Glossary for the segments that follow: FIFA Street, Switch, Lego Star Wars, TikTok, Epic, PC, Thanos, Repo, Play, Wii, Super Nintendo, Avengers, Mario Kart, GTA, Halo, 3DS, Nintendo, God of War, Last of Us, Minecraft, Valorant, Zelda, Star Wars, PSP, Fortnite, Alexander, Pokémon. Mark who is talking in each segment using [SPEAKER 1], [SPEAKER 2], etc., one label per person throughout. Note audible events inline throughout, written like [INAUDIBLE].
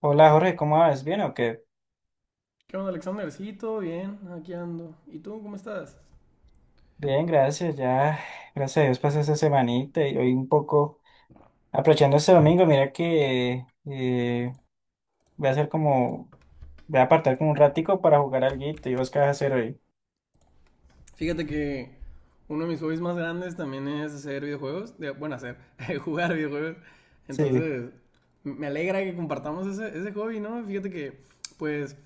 [SPEAKER 1] Hola Jorge, ¿cómo vas? ¿Bien o qué?
[SPEAKER 2] ¿Qué onda, Alexander? Sí, todo bien, aquí ando. ¿Y tú, cómo estás?
[SPEAKER 1] Bien, gracias. Ya, gracias a Dios pasé esta semanita y hoy un poco aprovechando este domingo, mira que voy a hacer como, voy a apartar como un ratico para jugar alguito. ¿Y vos qué vas a hacer hoy?
[SPEAKER 2] Fíjate que uno de mis hobbies más grandes también es hacer videojuegos. Hacer, [LAUGHS] jugar videojuegos.
[SPEAKER 1] Sí,
[SPEAKER 2] Entonces, me alegra que compartamos ese hobby, ¿no? Fíjate que, pues,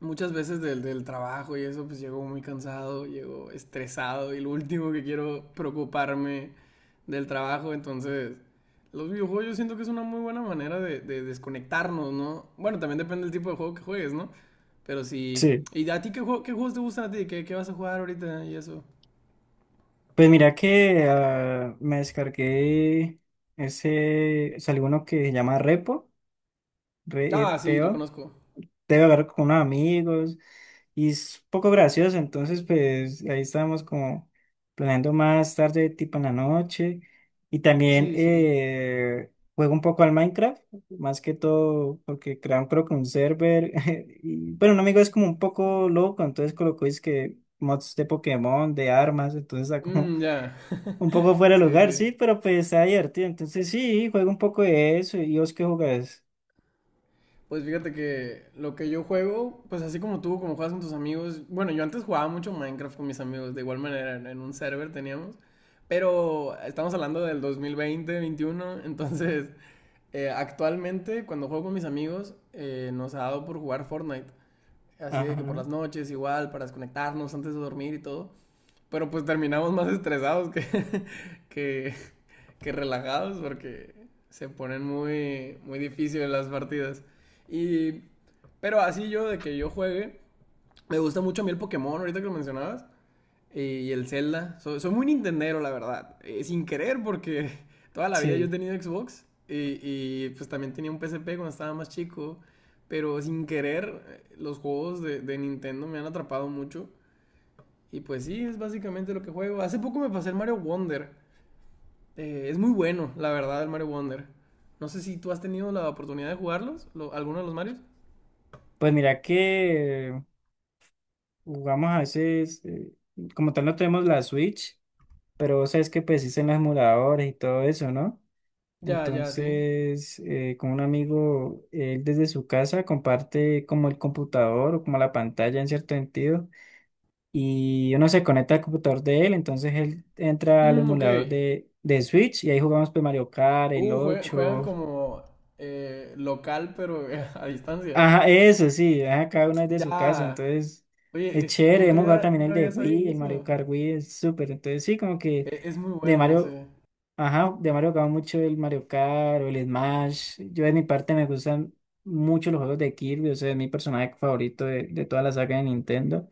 [SPEAKER 2] muchas veces del trabajo y eso, pues llego muy cansado, llego estresado y lo último que quiero preocuparme del trabajo. Entonces, los videojuegos yo siento que es una muy buena manera de desconectarnos, ¿no? Bueno, también depende del tipo de juego que juegues, ¿no? Pero sí.
[SPEAKER 1] sí.
[SPEAKER 2] ¿Y a ti qué, qué juegos te gustan a ti? ¿Qué, qué vas a jugar ahorita y eso?
[SPEAKER 1] Pues mira que me descargué ese, salió uno que se llama Repo,
[SPEAKER 2] Ah, sí, lo
[SPEAKER 1] Repo.
[SPEAKER 2] conozco.
[SPEAKER 1] Debe hablar con unos amigos y es un poco gracioso, entonces pues ahí estábamos como planeando más tarde, tipo en la noche, y también
[SPEAKER 2] Sí, sí.
[SPEAKER 1] juego un poco al Minecraft, más que todo porque crearon creo que un server, [LAUGHS] y, pero un amigo es como un poco loco, entonces colocó es que mods de Pokémon, de armas, entonces está como
[SPEAKER 2] Mm, ya.
[SPEAKER 1] un poco fuera de
[SPEAKER 2] Sí,
[SPEAKER 1] lugar, sí,
[SPEAKER 2] sí.
[SPEAKER 1] pero pues está divertido, entonces sí, juego un poco de eso, y vos qué jugás,
[SPEAKER 2] Pues fíjate que lo que yo juego, pues así como tú, como juegas con tus amigos. Bueno, yo antes jugaba mucho Minecraft con mis amigos, de igual manera, en un server teníamos. Pero estamos hablando del 2020, 2021, [LAUGHS] entonces actualmente cuando juego con mis amigos nos ha dado por jugar Fortnite. Así de que por
[SPEAKER 1] ajá,
[SPEAKER 2] las noches igual, para desconectarnos antes de dormir y todo. Pero pues terminamos más estresados [LAUGHS] que, que relajados porque se ponen muy, muy difíciles las partidas. Y, pero así yo, de que yo juegue, me gusta mucho a mí el Pokémon, ahorita que lo mencionabas, y el Zelda. Soy muy Nintendero, la verdad. Sin querer, porque [LAUGHS] toda la vida yo he
[SPEAKER 1] sí.
[SPEAKER 2] tenido Xbox y pues también tenía un PSP cuando estaba más chico. Pero sin querer, los juegos de Nintendo me han atrapado mucho. Y pues sí, es básicamente lo que juego. Hace poco me pasé el Mario Wonder. Es muy bueno, la verdad, el Mario Wonder. No sé si tú has tenido la oportunidad de jugarlos, alguno de los Marios.
[SPEAKER 1] Pues mira que jugamos a veces, como tal no tenemos la Switch, pero vos sabes que pues en los emuladores y todo eso, ¿no?
[SPEAKER 2] Ya, ya, sí.
[SPEAKER 1] Entonces, con un amigo, él desde su casa comparte como el computador o como la pantalla en cierto sentido, y uno se conecta al computador de él, entonces él entra al
[SPEAKER 2] Mm, ok.
[SPEAKER 1] emulador de Switch y ahí jugamos pues Mario Kart, el
[SPEAKER 2] Juegan
[SPEAKER 1] ocho.
[SPEAKER 2] como local, pero [LAUGHS] a distancia.
[SPEAKER 1] Ajá, eso sí, ajá, cada uno es de su casa,
[SPEAKER 2] Ya.
[SPEAKER 1] entonces
[SPEAKER 2] Oye,
[SPEAKER 1] es chévere.
[SPEAKER 2] nunca
[SPEAKER 1] Hemos jugado
[SPEAKER 2] había,
[SPEAKER 1] también el
[SPEAKER 2] nunca
[SPEAKER 1] de
[SPEAKER 2] había sabido
[SPEAKER 1] Wii, el Mario
[SPEAKER 2] eso.
[SPEAKER 1] Kart Wii es súper. Entonces sí, como que
[SPEAKER 2] Es muy
[SPEAKER 1] de
[SPEAKER 2] bueno
[SPEAKER 1] Mario,
[SPEAKER 2] ese.
[SPEAKER 1] ajá, de Mario jugaba mucho el Mario Kart o el Smash. Yo de mi parte me gustan mucho los juegos de Kirby, o sea, es mi personaje favorito de toda la saga de Nintendo.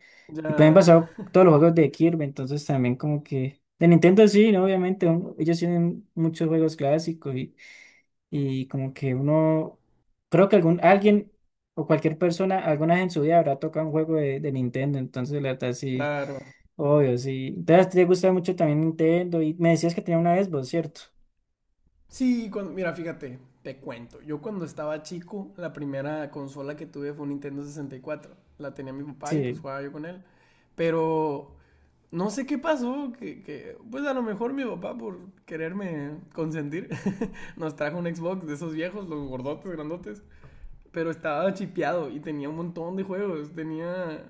[SPEAKER 1] Y pues me han
[SPEAKER 2] Ya,
[SPEAKER 1] pasado todos los juegos de Kirby, entonces también como que de Nintendo sí, ¿no? Obviamente ellos tienen muchos juegos clásicos y como que uno, creo que alguien o cualquier persona alguna vez en su vida habrá tocado un juego de Nintendo, entonces la verdad sí,
[SPEAKER 2] claro.
[SPEAKER 1] obvio, sí. Entonces a ti te gusta mucho también Nintendo y me decías que tenía una Xbox, ¿cierto?
[SPEAKER 2] Sí, mira, fíjate, te cuento. Yo cuando estaba chico, la primera consola que tuve fue un Nintendo 64. La tenía mi papá y pues
[SPEAKER 1] Sí,
[SPEAKER 2] jugaba yo con él. Pero no sé qué pasó, pues a lo mejor mi papá por quererme consentir [LAUGHS] nos trajo un Xbox de esos viejos, los gordotes, grandotes, pero estaba chipeado y tenía un montón de juegos.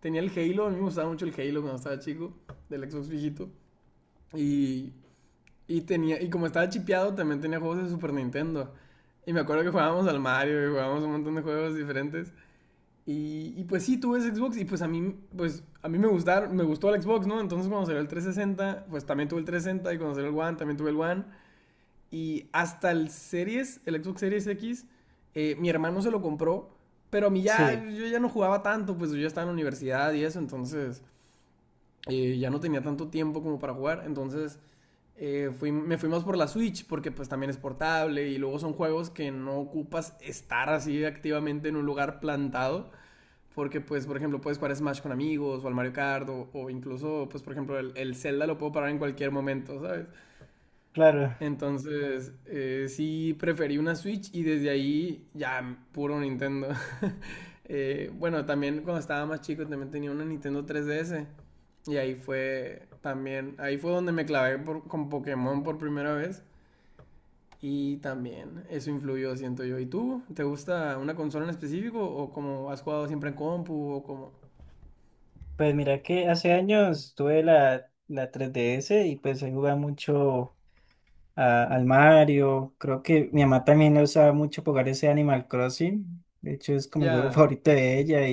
[SPEAKER 2] Tenía el Halo, a mí me gustaba mucho el Halo cuando estaba chico, del Xbox viejito, y, y tenía, y como estaba chipeado también tenía juegos de Super Nintendo, y me acuerdo que jugábamos al Mario y jugábamos un montón de juegos diferentes. Pues sí, tuve Xbox y pues a mí gustaron, me gustó el Xbox, ¿no? Entonces cuando salió el 360, pues también tuve el 360 y cuando salió el One también tuve el One. Y hasta el Series, el Xbox Series X, mi hermano se lo compró, pero a mí ya,
[SPEAKER 1] sí,
[SPEAKER 2] yo ya no jugaba tanto, pues yo ya estaba en la universidad y eso. Entonces, ya no tenía tanto tiempo como para jugar. Entonces, me fuimos por la Switch porque pues también es portable y luego son juegos que no ocupas estar así activamente en un lugar plantado, porque, pues, por ejemplo, puedes jugar Smash con amigos o al Mario Kart, o incluso, pues, por ejemplo, Zelda lo puedo parar en cualquier momento, ¿sabes?
[SPEAKER 1] claro.
[SPEAKER 2] Entonces, sí preferí una Switch y desde ahí ya puro Nintendo. [LAUGHS] Bueno, También cuando estaba más chico también tenía una Nintendo 3DS. Y ahí fue también, ahí fue donde me clavé por, con Pokémon por primera vez. Y también eso influyó, siento yo. ¿Y tú? ¿Te gusta una consola en específico o como has jugado siempre en compu o como...
[SPEAKER 1] Pues mira que hace años tuve la 3DS y pues ahí jugaba mucho al Mario. Creo que mi mamá también la usaba mucho para jugar ese Animal Crossing. De hecho, es como el juego [LAUGHS]
[SPEAKER 2] Ya,
[SPEAKER 1] favorito de ella.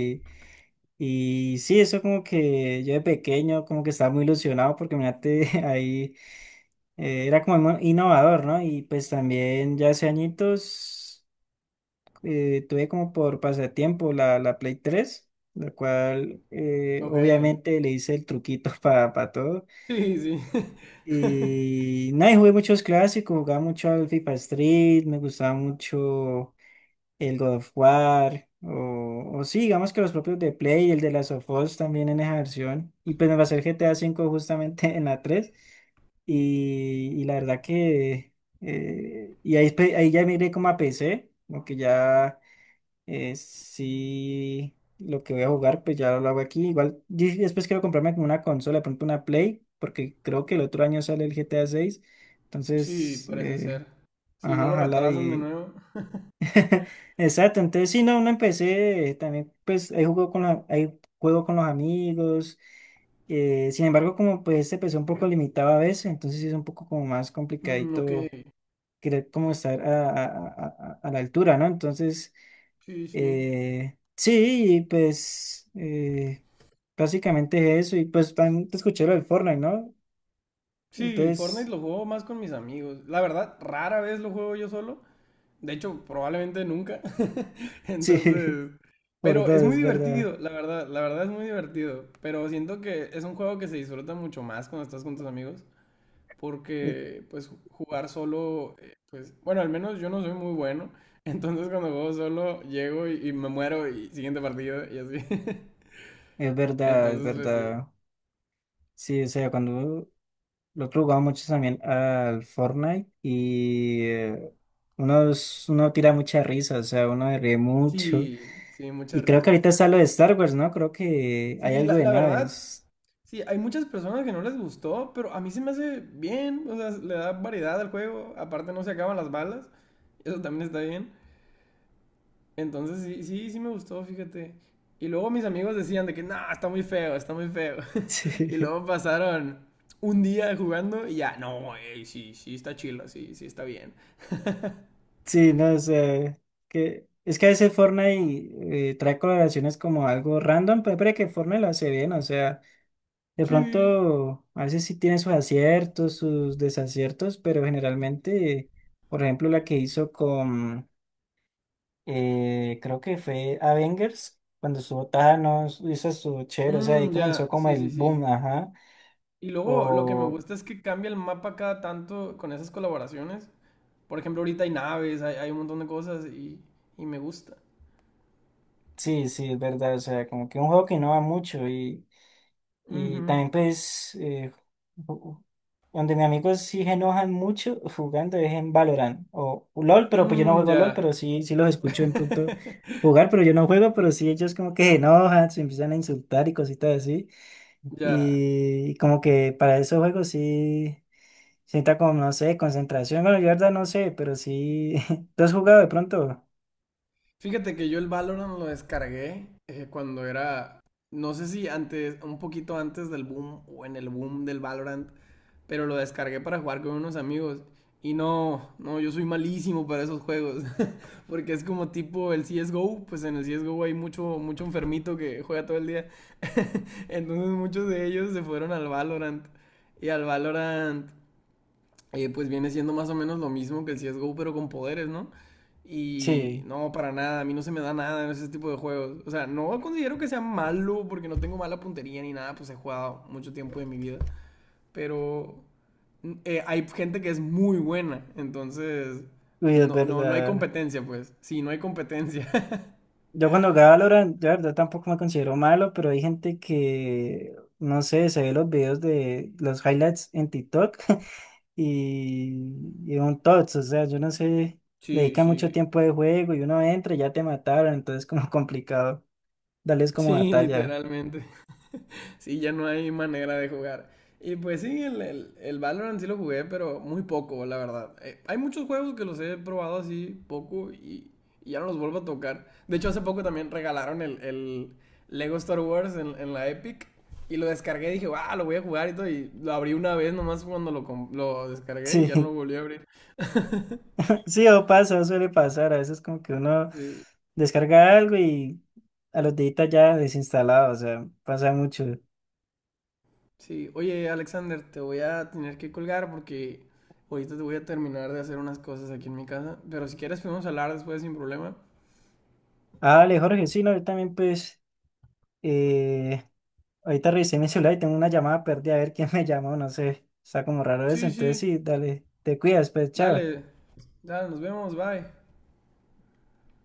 [SPEAKER 1] Y sí, eso como que yo de pequeño como que estaba muy ilusionado porque mirate [LAUGHS] ahí era como muy innovador, ¿no? Y pues también ya hace añitos tuve como por pasatiempo la Play tres, la cual
[SPEAKER 2] ok.
[SPEAKER 1] obviamente le hice el truquito [LAUGHS] para todo.
[SPEAKER 2] Sí, sí. [LAUGHS]
[SPEAKER 1] Y nada, y jugué muchos clásicos, jugaba mucho al FIFA Street, me gustaba mucho el God of War, o sí, digamos que los propios de Play, el de Last of Us también en esa versión, y pues me pasé el GTA cinco [LAUGHS] justamente en la 3 y la verdad que, y ahí, ahí ya miré como a PC, como que ya sí, lo que voy a jugar, pues ya lo hago aquí, igual y después quiero comprarme como una consola, de pronto una Play, porque creo que el otro año sale el GTA seis,
[SPEAKER 2] Sí,
[SPEAKER 1] entonces,
[SPEAKER 2] parece ser. Si no
[SPEAKER 1] ajá,
[SPEAKER 2] lo
[SPEAKER 1] ojalá.
[SPEAKER 2] retrasan de nuevo.
[SPEAKER 1] [LAUGHS] Exacto, entonces sí, no, no empecé, también pues ahí juego con ahí juego con los amigos, sin embargo como pues se empezó un poco limitado a veces, entonces sí es un poco como más
[SPEAKER 2] Mm, ok.
[SPEAKER 1] complicadito querer como estar a la altura, ¿no? Entonces,
[SPEAKER 2] Sí, sí.
[SPEAKER 1] sí, y, pues básicamente es eso, y pues también te escuché lo del Fortnite, ¿no?
[SPEAKER 2] Sí, Fortnite
[SPEAKER 1] Entonces,
[SPEAKER 2] lo juego más con mis amigos. La verdad, rara vez lo juego yo solo. De hecho, probablemente nunca. [LAUGHS]
[SPEAKER 1] sí,
[SPEAKER 2] Entonces,
[SPEAKER 1] [LAUGHS] por
[SPEAKER 2] pero
[SPEAKER 1] dos,
[SPEAKER 2] es muy
[SPEAKER 1] es verdad,
[SPEAKER 2] divertido, la verdad es muy divertido. Pero siento que es un juego que se disfruta mucho más cuando estás con tus amigos,
[SPEAKER 1] es
[SPEAKER 2] porque pues jugar solo, pues bueno, al menos yo no soy muy bueno. [LAUGHS] Entonces cuando juego solo llego y me muero y siguiente partido y así. [LAUGHS]
[SPEAKER 1] es verdad, es
[SPEAKER 2] Entonces, pues sí,
[SPEAKER 1] verdad. Sí, o sea, cuando lo otro jugaba mucho también al Fortnite y uno, uno tira mucha risa, o sea, uno ríe mucho.
[SPEAKER 2] sí, sí,
[SPEAKER 1] Y
[SPEAKER 2] muchas
[SPEAKER 1] creo que
[SPEAKER 2] risas.
[SPEAKER 1] ahorita está lo de Star Wars, ¿no? Creo que hay
[SPEAKER 2] Sí,
[SPEAKER 1] algo
[SPEAKER 2] la,
[SPEAKER 1] de
[SPEAKER 2] la verdad,
[SPEAKER 1] naves. [LAUGHS]
[SPEAKER 2] sí, hay muchas personas que no les gustó, pero a mí se me hace bien, o sea, le da variedad al juego, aparte no se acaban las balas, eso también está bien. Entonces, sí, sí, sí me gustó, fíjate. Y luego mis amigos decían de que, no, está muy feo, está muy feo. Y
[SPEAKER 1] Sí,
[SPEAKER 2] luego pasaron un día jugando y ya, no, ey, sí, sí, está chila, sí, sí, está bien. [LAUGHS]
[SPEAKER 1] sí, no, o sea, que, es que a veces Fortnite trae colaboraciones como algo random, pero parece que Fortnite lo hace bien, o sea, de
[SPEAKER 2] sí,
[SPEAKER 1] pronto a veces sí tiene sus aciertos, sus desaciertos, pero generalmente, por ejemplo, la que hizo con... creo que fue Avengers, cuando estuvo Thanos, y eso estuvo chévere, o sea, ahí
[SPEAKER 2] mm,
[SPEAKER 1] comenzó
[SPEAKER 2] ya,
[SPEAKER 1] como
[SPEAKER 2] sí,
[SPEAKER 1] el
[SPEAKER 2] sí, sí.
[SPEAKER 1] boom, ajá.
[SPEAKER 2] Y luego lo que me
[SPEAKER 1] O
[SPEAKER 2] gusta es que cambia el mapa cada tanto con esas colaboraciones. Por ejemplo, ahorita hay naves, hay un montón de cosas y me gusta.
[SPEAKER 1] sí, sí, es verdad, o sea, como que un juego que innova mucho y
[SPEAKER 2] Ujú.
[SPEAKER 1] también pues ju- donde mis amigos sí se enojan mucho jugando es en Valorant o LOL, pero pues yo no
[SPEAKER 2] Mm,
[SPEAKER 1] juego LOL,
[SPEAKER 2] ya.
[SPEAKER 1] pero sí, sí los escucho en pronto jugar,
[SPEAKER 2] [LAUGHS]
[SPEAKER 1] pero yo no juego, pero sí ellos como que se enojan, se empiezan a insultar y cositas así.
[SPEAKER 2] Ya.
[SPEAKER 1] Y como que para esos juegos sí. Sienta como, no sé, concentración. Bueno, yo la verdad no sé, pero sí. [LAUGHS] ¿Tú has jugado de pronto?
[SPEAKER 2] Fíjate que yo el Valorant lo descargué cuando era, no sé si antes, un poquito antes del boom o en el boom del Valorant. Pero lo descargué para jugar con unos amigos. Y no, no, yo soy malísimo para esos juegos. [LAUGHS] Porque es como tipo el CSGO. Pues en el CSGO hay mucho, mucho enfermito que juega todo el día. Entonces muchos de ellos se fueron al Valorant. Y al Valorant, pues viene siendo más o menos lo mismo que el CSGO, pero con poderes, ¿no? Y
[SPEAKER 1] Sí,
[SPEAKER 2] no, para nada, a mí no se me da nada en ese tipo de juegos. O sea, no considero que sea malo porque no tengo mala puntería ni nada, pues he jugado mucho tiempo de mi vida. Pero hay gente que es muy buena, entonces
[SPEAKER 1] uy, es
[SPEAKER 2] no, no, no hay
[SPEAKER 1] verdad.
[SPEAKER 2] competencia, pues. Sí, no hay competencia. [LAUGHS]
[SPEAKER 1] Yo cuando jugaba Valorant, yo la verdad tampoco me considero malo, pero hay gente que, no sé, se ve los videos de los highlights en TikTok [LAUGHS] y, y un tots, o sea, yo no sé, le
[SPEAKER 2] sí,
[SPEAKER 1] dedican mucho
[SPEAKER 2] sí.
[SPEAKER 1] tiempo de juego y uno entra y ya te mataron, entonces como [LAUGHS] complicado darles como
[SPEAKER 2] Sí,
[SPEAKER 1] batalla.
[SPEAKER 2] literalmente. Sí, ya no hay manera de jugar. Y pues sí, el Valorant sí lo jugué, pero muy poco, la verdad. Hay muchos juegos que los he probado así poco y ya no los vuelvo a tocar. De hecho, hace poco también regalaron el Lego Star Wars en la Epic. Y lo descargué y dije, ah, lo voy a jugar y todo. Y lo abrí una vez nomás cuando lo descargué y ya no
[SPEAKER 1] Sí.
[SPEAKER 2] lo volví a abrir. [LAUGHS]
[SPEAKER 1] Sí, o pasa, suele pasar. A veces como que uno
[SPEAKER 2] Sí.
[SPEAKER 1] descarga algo y a los deditos ya desinstalado, o sea, pasa mucho.
[SPEAKER 2] Sí, oye Alexander, te voy a tener que colgar porque ahorita te voy a terminar de hacer unas cosas aquí en mi casa, pero si quieres podemos hablar después sin problema.
[SPEAKER 1] Ah, vale, Jorge, sí, no, yo también pues, eh, ahorita revisé mi celular y tengo una llamada perdida, a ver quién me llamó, no sé, está como raro eso,
[SPEAKER 2] Sí,
[SPEAKER 1] entonces
[SPEAKER 2] sí,
[SPEAKER 1] sí, dale, te cuidas, pues, chao.
[SPEAKER 2] dale, dale, nos vemos, bye.